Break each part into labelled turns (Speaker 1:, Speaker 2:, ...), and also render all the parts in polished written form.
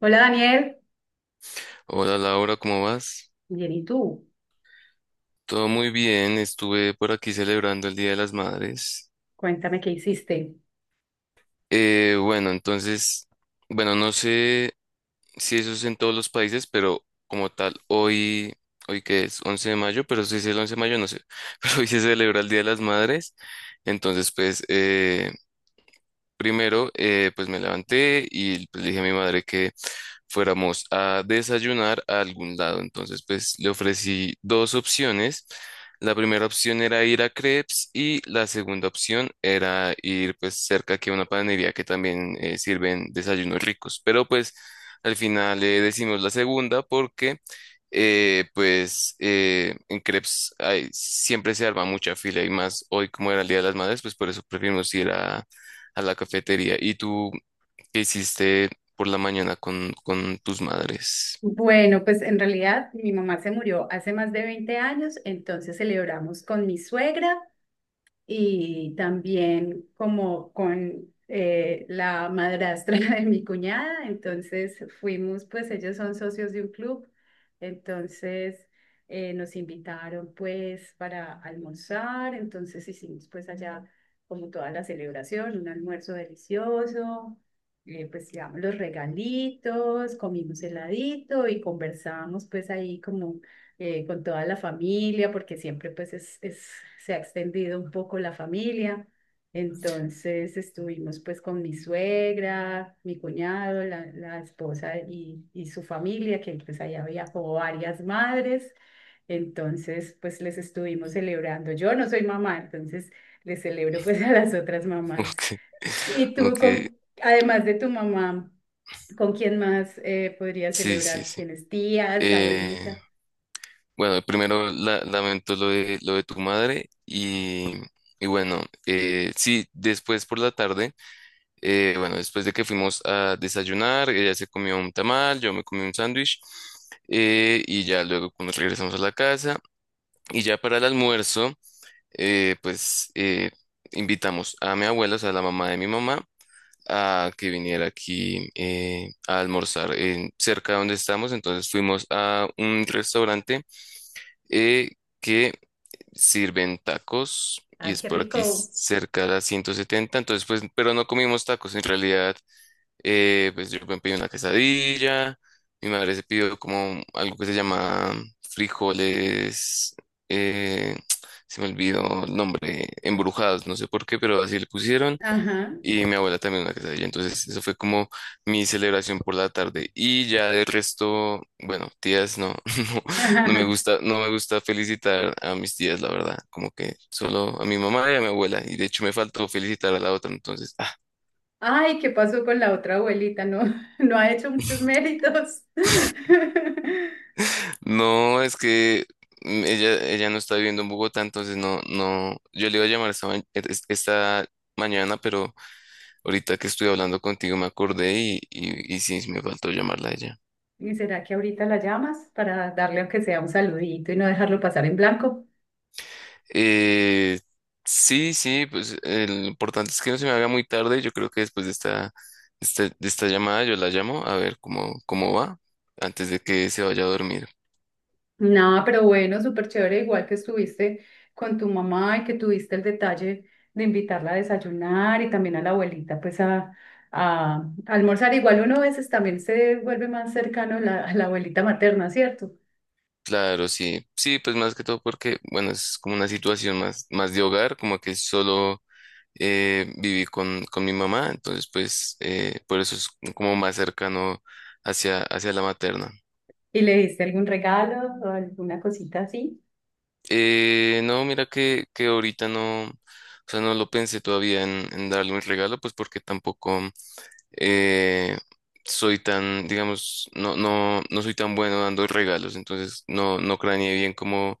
Speaker 1: Hola, Daniel.
Speaker 2: Hola Laura, ¿cómo vas?
Speaker 1: Bien, ¿y tú?
Speaker 2: Todo muy bien, estuve por aquí celebrando el Día de las Madres.
Speaker 1: Cuéntame qué hiciste.
Speaker 2: Eh, bueno, entonces, bueno, no sé si eso es en todos los países, pero como tal, hoy, hoy que es 11 de mayo, pero si es el 11 de mayo, no sé, pero hoy se celebra el Día de las Madres. Entonces, pues, eh, Primero, pues me levanté y, pues, le dije a mi madre que fuéramos a desayunar a algún lado. Entonces, pues, le ofrecí dos opciones. La primera opción era ir a Crepes y la segunda opción era ir, pues, cerca aquí a una panadería que también sirven desayunos ricos. Pero, pues, al final le decimos la segunda porque en Crepes siempre se arma mucha fila y más hoy, como era el Día de las Madres, pues por eso preferimos ir a la cafetería. ¿Y tú qué hiciste por la mañana con tus madres?
Speaker 1: Bueno, pues en realidad mi mamá se murió hace más de 20 años, entonces celebramos con mi suegra y también como con la madrastra de mi cuñada. Entonces fuimos, pues ellos son socios de un club, entonces nos invitaron pues para almorzar. Entonces hicimos pues allá como toda la celebración, un almuerzo delicioso. Pues llevamos los regalitos, comimos heladito y conversábamos pues ahí como con toda la familia, porque siempre pues se ha extendido un poco la familia. Entonces estuvimos pues con mi suegra, mi cuñado, la esposa y su familia, que pues allá viajó varias madres. Entonces pues les estuvimos celebrando. Yo no soy mamá, entonces les celebro pues a las otras
Speaker 2: Ok,
Speaker 1: mamás. ¿Y tú
Speaker 2: ok,
Speaker 1: con, además de tu mamá, con quién más podrías
Speaker 2: sí, sí,
Speaker 1: celebrar?
Speaker 2: sí.
Speaker 1: ¿Tienes tías,
Speaker 2: Eh,
Speaker 1: abuelita?
Speaker 2: bueno, lamento lo de tu madre, y bueno, sí, después por la tarde, bueno, después de que fuimos a desayunar, ella se comió un tamal, yo me comí un sándwich, y ya luego nos regresamos a la casa y ya para el almuerzo. eh, pues eh, Invitamos a mi abuela, o sea, la mamá de mi mamá, a que viniera aquí a almorzar cerca de donde estamos. Entonces fuimos a un restaurante eh, que sirven tacos y
Speaker 1: Ah,
Speaker 2: es
Speaker 1: qué
Speaker 2: por aquí
Speaker 1: rico.
Speaker 2: cerca de la 170. Entonces, pues, pero no comimos tacos en realidad. Pues yo me pedí una quesadilla, mi madre se pidió como algo que se llama frijoles, eh, se me olvidó el nombre, embrujados, no sé por qué, pero así le pusieron,
Speaker 1: Ajá,
Speaker 2: y mi abuela también una quesadilla. Entonces, eso fue como mi celebración por la tarde, y ya del resto, bueno, tías no, no, no me
Speaker 1: ajá.
Speaker 2: gusta, no me gusta felicitar a mis tías, la verdad, como que solo a mi mamá y a mi abuela, y de hecho me faltó felicitar a la otra, entonces, ah.
Speaker 1: Ay, ¿qué pasó con la otra abuelita? No, no ha hecho muchos méritos.
Speaker 2: No, es que ella, ella no está viviendo en Bogotá, entonces no, no, yo le iba a llamar esta, ma- e, es- esta mañana, pero ahorita que estoy hablando contigo me acordé y sí, sí me faltó llamarla a ella.
Speaker 1: ¿Y será que ahorita la llamas para darle aunque sea un saludito y no dejarlo pasar en blanco?
Speaker 2: Eh, sí, sí, pues, lo importante es que no se me haga muy tarde. Yo creo que después de de esta llamada yo la llamo a ver cómo, cómo va antes de que se vaya a dormir.
Speaker 1: No, pero bueno, súper chévere, igual que estuviste con tu mamá y que tuviste el detalle de invitarla a desayunar y también a la abuelita pues a almorzar. Igual uno a veces también se vuelve más cercano a a la abuelita materna, ¿cierto?
Speaker 2: Claro, sí, sí, pues más que todo porque, bueno, es como una situación más, más de hogar, como que solo viví con mi mamá, entonces, pues, por eso es como más cercano hacia, hacia la materna.
Speaker 1: ¿Y le diste algún regalo o alguna cosita así?
Speaker 2: No, mira que ahorita no, o sea, no lo pensé todavía en darle un regalo, pues porque tampoco eh, soy tan, digamos, no, no, no soy tan bueno dando regalos. Entonces no, no craneé bien cómo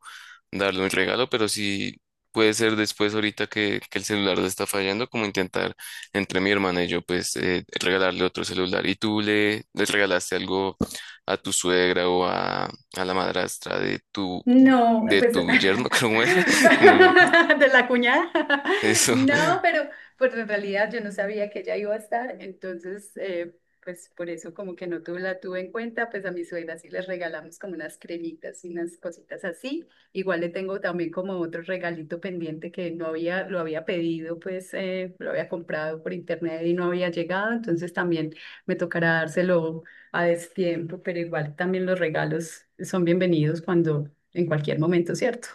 Speaker 2: darle un regalo, pero sí puede ser después, ahorita que el celular le está fallando, como intentar entre mi hermana y yo, pues, regalarle otro celular. ¿Y tú le, le regalaste algo a tu suegra o a la madrastra
Speaker 1: No,
Speaker 2: de
Speaker 1: pues de
Speaker 2: tu yerno, ¿cómo era? Se me fue.
Speaker 1: la cuñada.
Speaker 2: Eso,
Speaker 1: No, pero pues en realidad yo no sabía que ella iba a estar, entonces pues por eso como que no tuve, la tuve en cuenta. Pues a mi suegra sí les regalamos como unas cremitas y unas cositas así. Igual le tengo también como otro regalito pendiente que no había, lo había pedido, pues lo había comprado por internet y no había llegado, entonces también me tocará dárselo a destiempo, pero igual también los regalos son bienvenidos cuando, en cualquier momento, ¿cierto?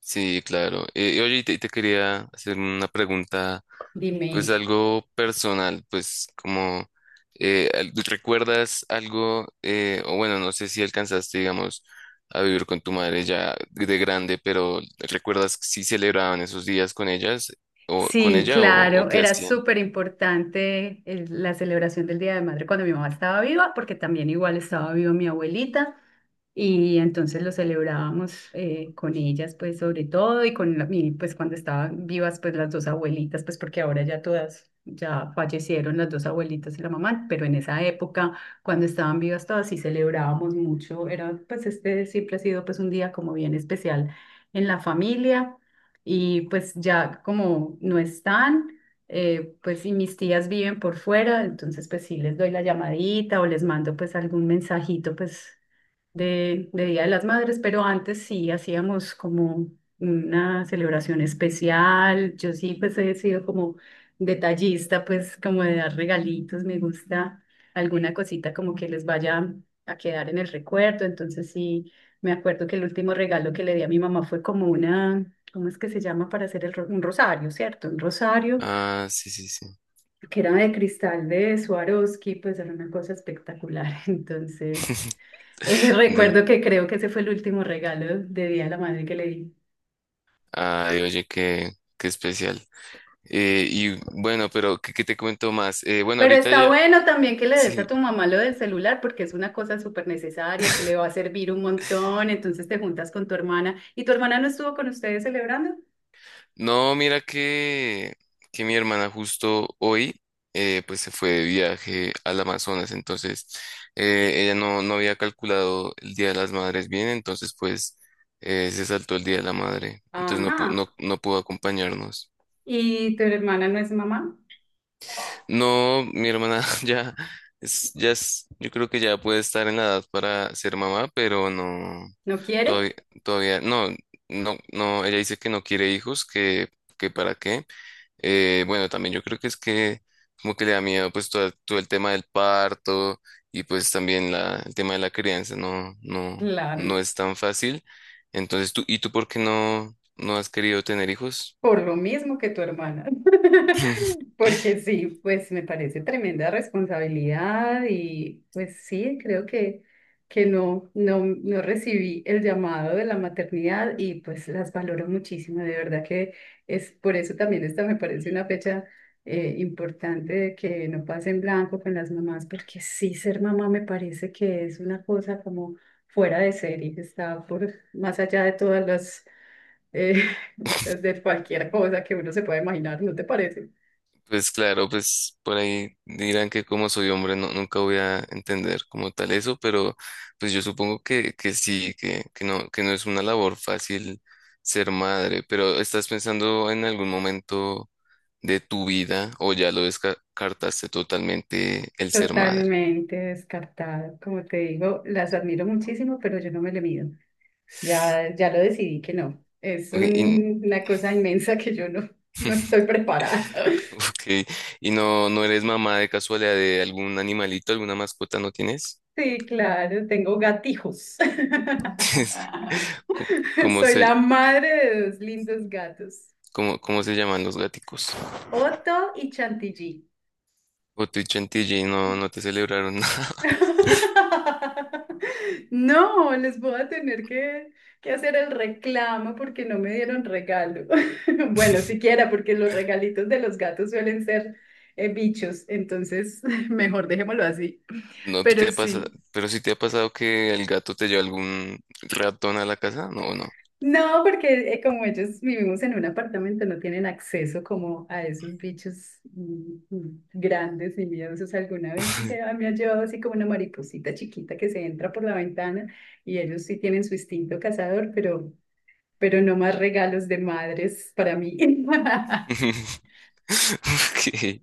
Speaker 2: sí, claro. Y oye, y te quería hacer una pregunta,
Speaker 1: Dime.
Speaker 2: pues algo personal, pues como, ¿recuerdas algo, o bueno, no sé si alcanzaste, digamos, a vivir con tu madre ya de grande? Pero ¿recuerdas si celebraban esos días con ellas, o con
Speaker 1: Sí,
Speaker 2: ella, o
Speaker 1: claro,
Speaker 2: qué
Speaker 1: era
Speaker 2: hacían?
Speaker 1: súper importante la celebración del Día de Madre cuando mi mamá estaba viva, porque también igual estaba viva mi abuelita. Y entonces lo celebrábamos con ellas, pues sobre todo, y con pues cuando estaban vivas, pues las dos abuelitas, pues porque ahora ya todas, ya fallecieron las dos abuelitas y la mamá. Pero en esa época, cuando estaban vivas todas, sí celebrábamos mucho. Era pues, este, siempre ha sido pues un día como bien especial en la familia, y pues ya como no están. Pues y mis tías viven por fuera, entonces pues sí les doy la llamadita o les mando pues algún mensajito pues de Día de las Madres, pero antes sí hacíamos como una celebración especial. Yo sí, pues he sido como detallista, pues como de dar regalitos. Me gusta alguna cosita como que les vaya a quedar en el recuerdo. Entonces sí, me acuerdo que el último regalo que le di a mi mamá fue como una... ¿Cómo es que se llama para hacer el un rosario, cierto? Un rosario
Speaker 2: Ah, sí, sí, sí.
Speaker 1: que era de cristal de Swarovski, pues era una cosa espectacular. Entonces,
Speaker 2: De,
Speaker 1: recuerdo que creo que ese fue el último regalo de Día de la Madre que le di.
Speaker 2: ay, oye, qué, qué especial. Y bueno, pero ¿qué, qué te cuento más? Bueno,
Speaker 1: Pero
Speaker 2: ahorita
Speaker 1: está
Speaker 2: ya,
Speaker 1: bueno también que le des
Speaker 2: sí.
Speaker 1: a tu mamá lo del celular porque es una cosa súper necesaria que le va a servir un montón. Entonces te juntas con tu hermana. ¿Y tu hermana no estuvo con ustedes celebrando?
Speaker 2: No, mira que mi hermana justo hoy pues se fue de viaje al Amazonas. Entonces ella no, no había calculado el Día de las Madres bien, entonces, pues, se saltó el Día de la Madre. Entonces no,
Speaker 1: Ajá.
Speaker 2: no, no pudo acompañarnos.
Speaker 1: ¿Y tu hermana no es mamá?
Speaker 2: No, mi hermana ya es, yo creo que ya puede estar en la edad para ser mamá, pero no,
Speaker 1: ¿No quiere?
Speaker 2: todavía, todavía, no, no, no, ella dice que no quiere hijos, que para qué. Bueno, también yo creo que es que como que le da miedo, pues, todo, todo el tema del parto y, pues, también la, el tema de la crianza. No, no,
Speaker 1: Claro.
Speaker 2: no es tan fácil. Entonces tú, ¿y tú por qué no, no has querido tener hijos?
Speaker 1: Por lo mismo que tu hermana. Porque sí, pues me parece tremenda responsabilidad y pues sí, creo que, no recibí el llamado de la maternidad y pues las valoro muchísimo. De verdad que es por eso también, esta me parece una fecha importante, de que no pase en blanco con las mamás, porque sí, ser mamá me parece que es una cosa como fuera de serie, está por más allá de todas las eh, de cualquier cosa que uno se pueda imaginar, ¿no te parece?
Speaker 2: Pues claro, pues por ahí dirán que como soy hombre no, nunca voy a entender como tal eso, pero pues yo supongo que sí, que no es una labor fácil ser madre. Pero ¿estás pensando en algún momento de tu vida o ya lo descartaste totalmente el ser madre?
Speaker 1: Totalmente descartado. Como te digo, las admiro muchísimo, pero yo no me le mido. Ya, ya lo decidí que no. Es
Speaker 2: Ok, y,
Speaker 1: una cosa inmensa que yo no, no estoy preparada.
Speaker 2: ok, y no, no eres mamá de casualidad de algún animalito, ¿alguna mascota no tienes?
Speaker 1: Sí, claro, tengo gatijos.
Speaker 2: ¿Cómo cómo
Speaker 1: Soy
Speaker 2: se,
Speaker 1: la madre de 2 lindos gatos,
Speaker 2: cómo, cómo se llaman los gaticos?
Speaker 1: Otto y Chantilly.
Speaker 2: O tu chantilly y no, no te celebraron nada.
Speaker 1: No, les voy a tener que hacer el reclamo porque no me dieron regalo. Bueno, siquiera porque los regalitos de los gatos suelen ser bichos, entonces mejor dejémoslo así.
Speaker 2: No te
Speaker 1: Pero
Speaker 2: ha pasado,
Speaker 1: sí.
Speaker 2: pero sí te ha pasado que el gato te lleva algún ratón a la casa. No, no.
Speaker 1: No, porque como ellos vivimos en un apartamento, no tienen acceso como a esos bichos grandes y miedosos. Alguna vez me ha llevado así como una mariposita chiquita que se entra por la ventana y ellos sí tienen su instinto cazador, pero no más regalos de madres para mí.
Speaker 2: Ok.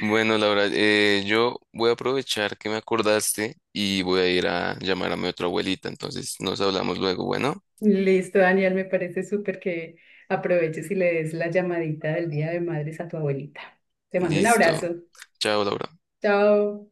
Speaker 2: Bueno, Laura, yo voy a aprovechar que me acordaste y voy a ir a llamar a mi otra abuelita. Entonces nos hablamos luego. Bueno,
Speaker 1: Listo, Daniel, me parece súper que aproveches y le des la llamadita del Día de Madres a tu abuelita. Te mando un
Speaker 2: listo.
Speaker 1: abrazo.
Speaker 2: Chao, Laura.
Speaker 1: Chao.